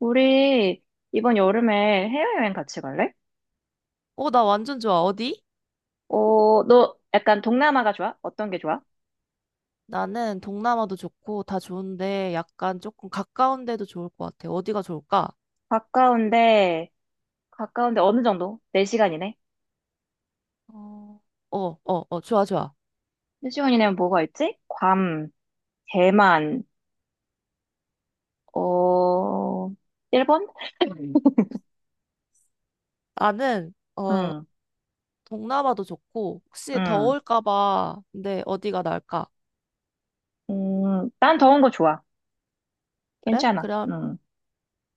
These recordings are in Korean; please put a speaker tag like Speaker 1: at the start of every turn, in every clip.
Speaker 1: 우리 이번 여름에 해외여행 같이 갈래?
Speaker 2: 어, 나 완전 좋아. 어디?
Speaker 1: 어, 너 약간 동남아가 좋아? 어떤 게 좋아?
Speaker 2: 나는 동남아도 좋고 다 좋은데 약간 조금 가까운 데도 좋을 것 같아. 어디가 좋을까?
Speaker 1: 가까운데, 가까운데 어느 정도? 4시간이네?
Speaker 2: 어, 어, 어, 어, 좋아, 좋아.
Speaker 1: 4시간이면 뭐가 있지? 괌, 대만, 어, 일본?
Speaker 2: 나는,
Speaker 1: 응,
Speaker 2: 동남아도 좋고 혹시
Speaker 1: 응,
Speaker 2: 더울까 봐. 근데 어디가 나을까?
Speaker 1: 난 더운 거 좋아.
Speaker 2: 그래?
Speaker 1: 괜찮아.
Speaker 2: 그럼,
Speaker 1: 응,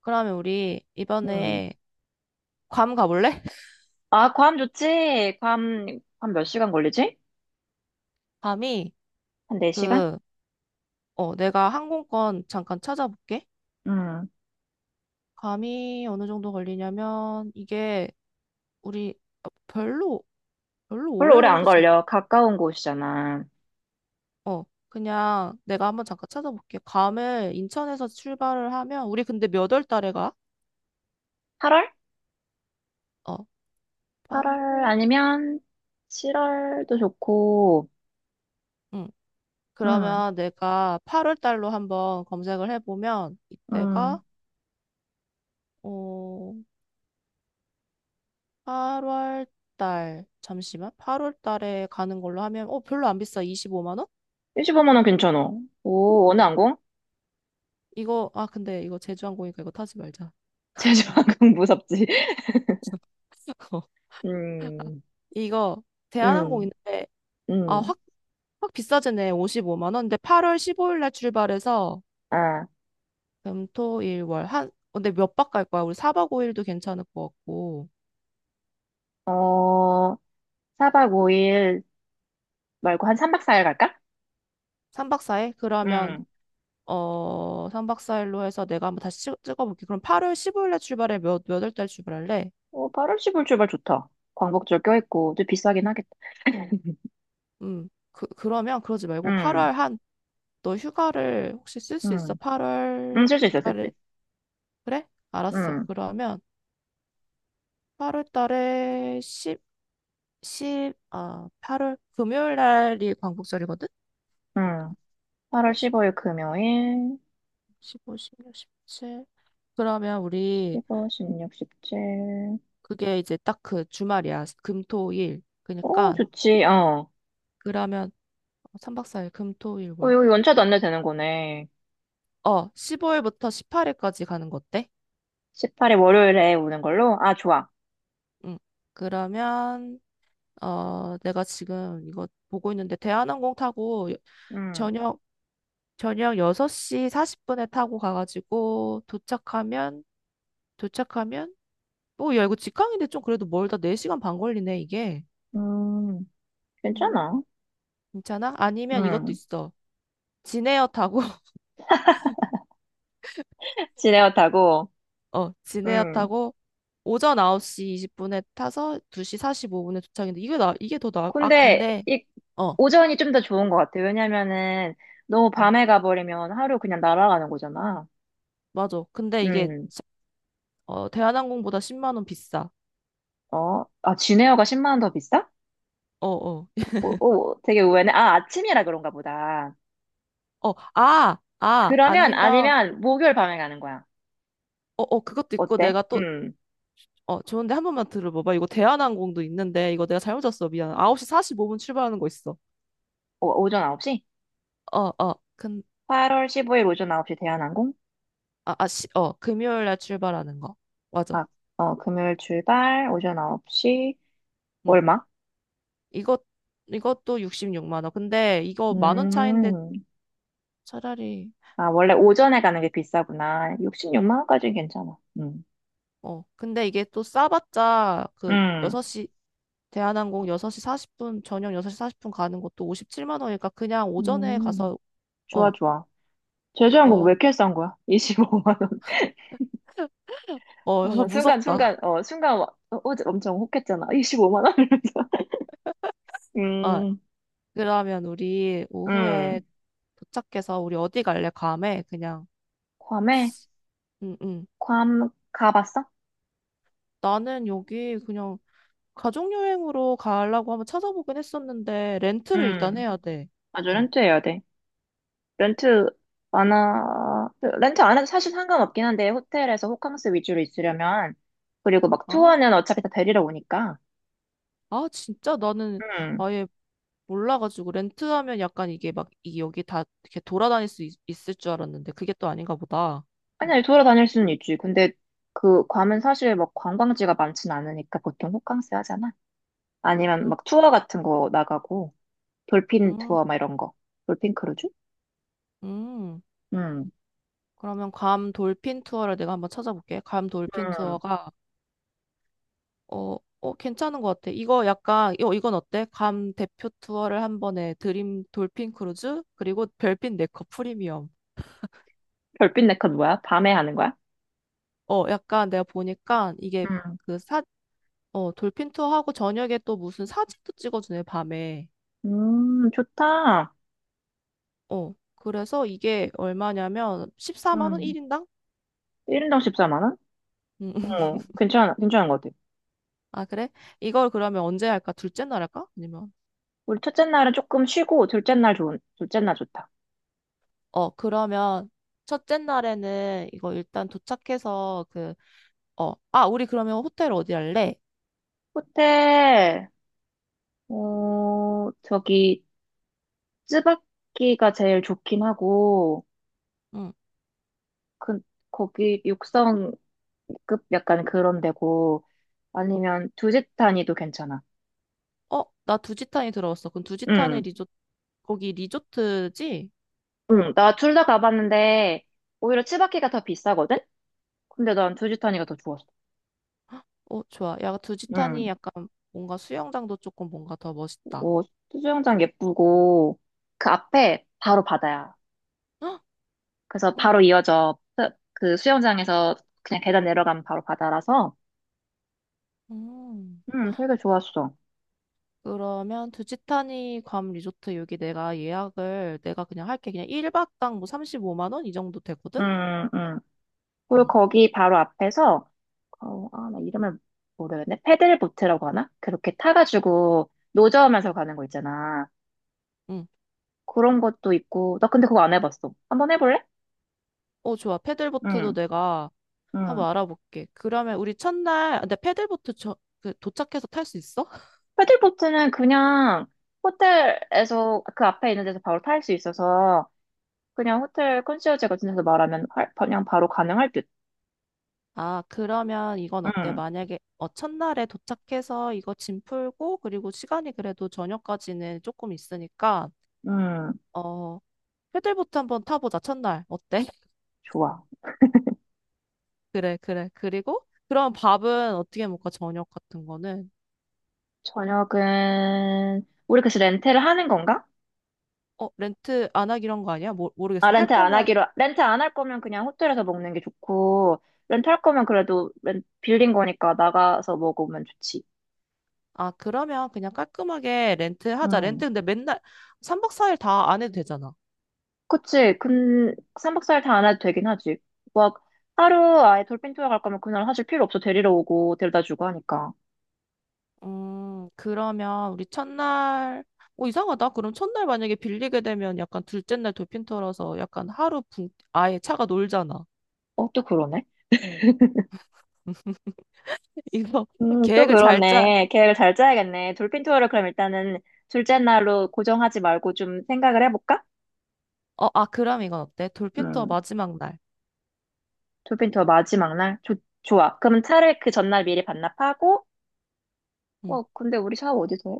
Speaker 2: 그러면 우리
Speaker 1: 응.
Speaker 2: 이번에 괌 가볼래?
Speaker 1: 아, 괌 좋지? 괌 몇 시간 걸리지?
Speaker 2: 괌이
Speaker 1: 한 4시간?
Speaker 2: 그, 내가 항공권 잠깐 찾아볼게.
Speaker 1: 응.
Speaker 2: 괌이 어느 정도 걸리냐면 이게 우리 어, 별로, 별로
Speaker 1: 별로
Speaker 2: 오래
Speaker 1: 오래 안
Speaker 2: 걸리지
Speaker 1: 걸려. 가까운 곳이잖아.
Speaker 2: 그냥 내가 한번 잠깐 찾아볼게. 감을 인천에서 출발을 하면, 우리 근데 몇 월 달에 가?
Speaker 1: 8월?
Speaker 2: 어, 팔
Speaker 1: 8월
Speaker 2: 월
Speaker 1: 아니면 7월도 좋고.
Speaker 2: 응.
Speaker 1: 음,
Speaker 2: 그러면 내가 8월 달로 한번 검색을 해보면, 이때가,
Speaker 1: 음.
Speaker 2: 어, 8월 달, 잠시만. 8월 달에 가는 걸로 하면, 별로 안 비싸. 25만 원?
Speaker 1: 십5만원 괜찮아. 오, 어느
Speaker 2: 어.
Speaker 1: 항공?
Speaker 2: 이거, 근데 이거 제주항공이니까 이거 타지 말자.
Speaker 1: 제주항공 무섭지.
Speaker 2: 어,
Speaker 1: 음,
Speaker 2: 이거 대한항공
Speaker 1: 음,
Speaker 2: 인데 아
Speaker 1: 음.
Speaker 2: 확 확 비싸지네 55만 원 근데 8월 15일 날 출발해서
Speaker 1: 아,
Speaker 2: 금, 토, 일, 월. 근데 몇 박 갈 거야? 우리 4박 5일도 괜찮을 것 같고.
Speaker 1: 어, 4박 5일 말고 한 3박 4일 갈까?
Speaker 2: 3박 4일? 그러면,
Speaker 1: 음.
Speaker 2: 어, 3박 4일로 해서 내가 한번 다시 찍어볼게. 그럼 8월 15일에 출발해. 몇월 달 출발할래?
Speaker 1: 어, 8월 10일 출발 좋다. 광복절 껴있고, 좀 비싸긴 하겠다.
Speaker 2: 음. 그러면 그러지 말고
Speaker 1: 음,
Speaker 2: 8월 한, 너 휴가를 혹시 쓸 수 있어?
Speaker 1: 음.
Speaker 2: 8월
Speaker 1: 쓸 수 있어, 쓸 수
Speaker 2: 달에.
Speaker 1: 있어.
Speaker 2: 그래? 알았어.
Speaker 1: 음,
Speaker 2: 그러면 8월 달에 8월 금요일 날이 광복절이거든?
Speaker 1: 음. 8월 15일 금요일,
Speaker 2: 15, 15, 16, 17. 그러면 우리
Speaker 1: 15, 16, 17.
Speaker 2: 그게 이제 딱 그 주말이야. 금, 토, 일.
Speaker 1: 오,
Speaker 2: 그러니까
Speaker 1: 좋지, 어.
Speaker 2: 그러면 3박 4일 금, 토, 일, 월.
Speaker 1: 여기 연차도
Speaker 2: 어,
Speaker 1: 안 내도 되는 거네.
Speaker 2: 15일부터 18일까지 가는 거 어때?
Speaker 1: 18일 월요일에 오는 걸로? 아, 좋아.
Speaker 2: 응. 그러면 내가 지금 이거 보고 있는데 대한항공 타고
Speaker 1: 음,
Speaker 2: 저녁 저녁 6시 40분에 타고 가가지고 도착하면 뭐 야 이거 직항인데 좀 그래도 멀다 4시간 반 걸리네 이게.
Speaker 1: 음,
Speaker 2: 음,
Speaker 1: 괜찮아.
Speaker 2: 괜찮아? 아니면 이것도
Speaker 1: 음,
Speaker 2: 있어. 진에어 타고
Speaker 1: 지레어 타고,
Speaker 2: 어, 진에어
Speaker 1: 음.
Speaker 2: 타고 오전 9시 20분에 타서 2시 45분에 도착인데 이게 더 나, 아
Speaker 1: 근데,
Speaker 2: 근데 어,
Speaker 1: 오전이 좀 더 좋은 것 같아. 왜냐면은, 너무
Speaker 2: 음,
Speaker 1: 밤에 가버리면 하루 그냥 날아가는 거잖아.
Speaker 2: 맞아. 근데 이게
Speaker 1: 음,
Speaker 2: 어 대한항공보다 10만 원 비싸.
Speaker 1: 아, 지레어가 10만 원 더 비싸?
Speaker 2: 어, 어.
Speaker 1: 오, 오, 되게 의외네. 아, 아침이라 그런가 보다. 그러면,
Speaker 2: 아니면
Speaker 1: 아니면, 목요일 밤에 가는 거야.
Speaker 2: 그것도 있고
Speaker 1: 어때?
Speaker 2: 내가 또 좋은데 한 번만 들어봐 봐. 이거 대한항공도 있는데 이거 내가 잘못 잤어. 미안. 9시 45분 출발하는 거 있어.
Speaker 1: 오, 오전 9시?
Speaker 2: 어, 어. 근
Speaker 1: 8월 15일 오전 9시 대한항공?
Speaker 2: 아, 아, 시, 어, 금요일 날 출발하는 거. 맞아.
Speaker 1: 아, 어, 금요일 출발, 오전 9시,
Speaker 2: 응.
Speaker 1: 얼마?
Speaker 2: 이것 이것도 16만 원. 근데 이거 만 원 차인데
Speaker 1: 음,
Speaker 2: 차라리
Speaker 1: 아, 원래 오전에 가는 게 비싸구나. 66만 원까지는 괜찮아.
Speaker 2: 어 근데 이게 또 싸봤자 그
Speaker 1: 음,
Speaker 2: 6시 대한항공 6시 40분 저녁 6시 40분 가는 것도 57만 원이니까 그냥 오전에
Speaker 1: 음,
Speaker 2: 가서
Speaker 1: 좋아,
Speaker 2: 어
Speaker 1: 좋아. 제주항공
Speaker 2: 이거
Speaker 1: 왜 이렇게 싼 거야? 25만 원.
Speaker 2: 어
Speaker 1: 어, 나 순간, 순간,
Speaker 2: 무섭다.
Speaker 1: 어, 순간, 와- 어, 어제 엄청 혹했잖아. 25만 원 이러면서.
Speaker 2: 아
Speaker 1: 음,
Speaker 2: 그러면 우리 오후에
Speaker 1: 음.
Speaker 2: 도착해서 우리 어디 갈래 감에 그냥
Speaker 1: 괌에?
Speaker 2: 응응
Speaker 1: 괌 가봤어?
Speaker 2: 나는 여기 그냥 가족 여행으로 가려고 한번 찾아보긴 했었는데 렌트를 일단
Speaker 1: 음,
Speaker 2: 해야 돼.
Speaker 1: 맞아,
Speaker 2: 응.
Speaker 1: 렌트해야 돼. 렌트 안 하, 렌트 안 해도 사실 상관없긴 한데, 호텔에서 호캉스 위주로 있으려면, 그리고 막
Speaker 2: 아,
Speaker 1: 투어는 어차피 다 데리러 오니까.
Speaker 2: 진짜 나는
Speaker 1: 음.
Speaker 2: 아예 몰라가지고 렌트하면 약간 이게 막 이 여기 다 이렇게 돌아다닐 수 있, 을줄 알았는데 그게 또 아닌가 보다.
Speaker 1: 아니,
Speaker 2: 음,
Speaker 1: 아니, 돌아다닐 수는 있지. 근데 그 괌은 사실 막 관광지가 많진 않으니까 보통 호캉스 하잖아. 아니면
Speaker 2: 음,
Speaker 1: 막 투어 같은 거 나가고, 돌핀
Speaker 2: 음.
Speaker 1: 투어 막 이런 거. 돌핀 크루즈?
Speaker 2: 음.
Speaker 1: 음,
Speaker 2: 그러면 괌 돌핀 투어를 내가 한번 찾아볼게. 괌 돌핀
Speaker 1: 음.
Speaker 2: 투어가 괜찮은 것 같아. 이거 약간 이 이건 어때? 괌 대표 투어를 한 번에 드림 돌핀 크루즈 그리고 별빛 네커 프리미엄.
Speaker 1: 별빛 네컷 뭐야? 밤에 하는 거야?
Speaker 2: 약간 내가 보니까 이게
Speaker 1: 음,
Speaker 2: 그 사, 어 돌핀 투어하고 저녁에 또 무슨 사진도 찍어주네 밤에.
Speaker 1: 좋다.
Speaker 2: 그래서 이게 얼마냐면 14만 원
Speaker 1: 음.
Speaker 2: 1인당?
Speaker 1: 1인당 14만 원?
Speaker 2: 음,
Speaker 1: 괜찮아, 괜찮은 것 같아.
Speaker 2: 아, 그래? 이걸 그러면 언제 할까? 둘째 날 할까? 아니면?
Speaker 1: 우리 첫째 날은 조금 쉬고, 둘째 날 좋다.
Speaker 2: 그러면 첫째 날에는 이거 일단 도착해서 그, 우리 그러면 호텔 어디 할래?
Speaker 1: 호텔, 어, 저기, 쯔바키가 제일 좋긴 하고,
Speaker 2: 응.
Speaker 1: 그, 거기 6성급 약간 그런 데고, 아니면 두짓타니도 괜찮아.
Speaker 2: 나 두지탄이 들어왔어. 그럼 두지탄이
Speaker 1: 응,
Speaker 2: 거기 리조트지?
Speaker 1: 응, 나 둘 다 가봤는데, 오히려 쯔바키가 더 비싸거든? 근데 난 두짓타니가 더 좋았어.
Speaker 2: 어, 좋아. 야, 두지탄이
Speaker 1: 응,
Speaker 2: 약간 뭔가 수영장도 조금 뭔가 더 멋있다.
Speaker 1: 어, 수영장 예쁘고, 그 앞에 바로 바다야.
Speaker 2: 헉!
Speaker 1: 그래서
Speaker 2: 헉!
Speaker 1: 바로 이어져 그 수영장에서 그냥 계단 내려가면 바로 바다라서
Speaker 2: 음.
Speaker 1: 되게 좋았어.
Speaker 2: 그러면 두지타니 괌 리조트 여기 내가 예약을 내가 그냥 할게. 그냥 1박당 뭐 35만 원 이 정도 되거든?
Speaker 1: 음, 음. 그리고
Speaker 2: 응,
Speaker 1: 거기 바로 앞에서 나 이름을 모르겠네. 패들보트라고 하나? 그렇게 타가지고 노저우면서 가는 거 있잖아.
Speaker 2: 응.
Speaker 1: 그런 것도 있고. 나 근데 그거 안 해봤어. 한번 해볼래?
Speaker 2: 어, 좋아. 패들보트도
Speaker 1: 응,
Speaker 2: 내가
Speaker 1: 응.
Speaker 2: 한번 알아볼게. 그러면 우리 첫날, 근데 패들보트 도착해서 탈 수 있어?
Speaker 1: 패들보트는 그냥 호텔에서 그 앞에 있는 데서 바로 탈 수 있어서 그냥 호텔 컨시어지 같은 데서 말하면 그냥 바로 가능할 듯.
Speaker 2: 그러면 이건 어때?
Speaker 1: 응,
Speaker 2: 만약에 첫날에 도착해서 이거 짐 풀고 그리고 시간이 그래도 저녁까지는 조금 있으니까
Speaker 1: 응.
Speaker 2: 어, 패들보트 한번 타보자. 첫날. 어때?
Speaker 1: 좋아.
Speaker 2: 그래, 그래. 그리고 그럼 밥은 어떻게 먹까? 저녁 같은 거는?
Speaker 1: 저녁은 우리 그래서 렌트를 하는 건가?
Speaker 2: 렌트 안 하기로 한거 아니야? 모,
Speaker 1: 아,
Speaker 2: 모르겠어. 할 거면,
Speaker 1: 렌트 안 할 거면 그냥 호텔에서 먹는 게 좋고 렌트 할 거면 그래도 빌린 거니까 나가서 먹으면 좋지.
Speaker 2: 아, 그러면 그냥 깔끔하게 렌트 하자.
Speaker 1: 응.
Speaker 2: 렌트 근데 맨날 3박 4일 다 안 해도 되잖아.
Speaker 1: 그치? 근 3박 4일 다 안 해도 되긴 하지. 막 하루 아예 돌핀 투어 갈 거면 그날 사실 필요 없어. 데리러 오고 데려다 주고 하니까.
Speaker 2: 그러면 우리 첫날, 이상하다. 그럼 첫날 만약에 빌리게 되면 약간 둘째 날 돌핀 털어서 약간 하루 붕, 아예 차가 놀잖아.
Speaker 1: 또 그러네.
Speaker 2: 이거
Speaker 1: 또
Speaker 2: 계획을 잘 짜.
Speaker 1: 그러네. 계획을 잘 짜야겠네. 돌핀 투어를 그럼 일단은 둘째 날로 고정하지 말고 좀 생각을 해볼까?
Speaker 2: 그럼 이건 어때? 돌핀 투어
Speaker 1: 음.
Speaker 2: 마지막 날.
Speaker 1: 돌핀투어 마지막 날? 좋아. 그럼 차를 그 전날 미리 반납하고,
Speaker 2: 응.
Speaker 1: 와, 근데 우리 샤워 어디서 해?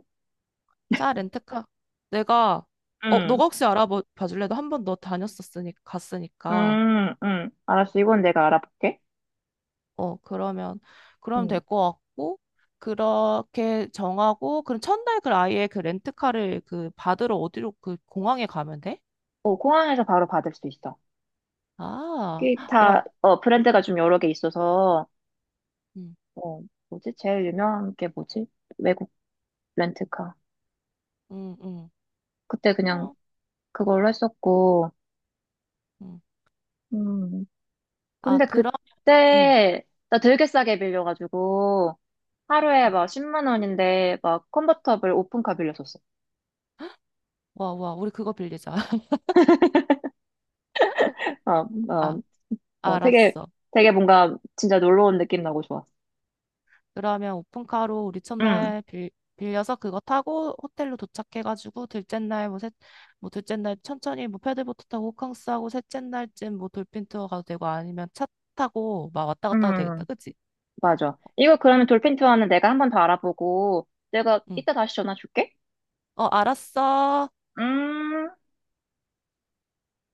Speaker 2: 자, 렌트카. 내가,
Speaker 1: 응,
Speaker 2: 너가 혹시 알아봐 줄래? 도 한 번 너 다녔었으니까, 갔으니까.
Speaker 1: 응, 응. 알았어. 이건 내가 알아볼게.
Speaker 2: 어, 그러면, 그러면
Speaker 1: 응.
Speaker 2: 될 것 같고, 그렇게 정하고, 그럼 첫날 그 아예 그 렌트카를 그 받으러 어디로 그 공항에 가면 돼?
Speaker 1: 공항에서 바로 받을 수 있어.
Speaker 2: 아, 야,
Speaker 1: 기타, 브랜드가 좀 여러 개 있어서,
Speaker 2: 음,
Speaker 1: 어, 뭐지? 제일 유명한 게 뭐지? 외국 렌트카.
Speaker 2: 음, 음,
Speaker 1: 그때 그냥
Speaker 2: 그냥,
Speaker 1: 그걸로 했었고.
Speaker 2: 음.
Speaker 1: 음,
Speaker 2: 아,
Speaker 1: 근데
Speaker 2: 그럼, 음.
Speaker 1: 그때, 나 되게 싸게 빌려가지고, 하루에
Speaker 2: 음.
Speaker 1: 막 10만 원인데, 막 컨버터블 오픈카 빌렸었어.
Speaker 2: 와, 와, 우리 그거 빌리자.
Speaker 1: 어,
Speaker 2: 아,
Speaker 1: 어, 어, 되게,
Speaker 2: 알았어.
Speaker 1: 되게 뭔가 진짜 놀러 온 느낌 나고 좋았어.
Speaker 2: 그러면 오픈카로 우리
Speaker 1: 응,
Speaker 2: 첫날 빌려서 그거 타고 호텔로 도착해가지고 둘째 날 뭐, 셋, 뭐 둘째 날 천천히 뭐 패들보트 타고 호캉스 하고 셋째 날쯤 뭐 돌핀 투어 가도 되고 아니면 차 타고 막 왔다 갔다 해도 되겠다.
Speaker 1: 응.
Speaker 2: 그치?
Speaker 1: 맞아. 이거 그러면 돌핀 투어는 내가 한번 더 알아보고, 내가
Speaker 2: 응.
Speaker 1: 이따 다시 전화 줄게.
Speaker 2: 알았어.
Speaker 1: 음.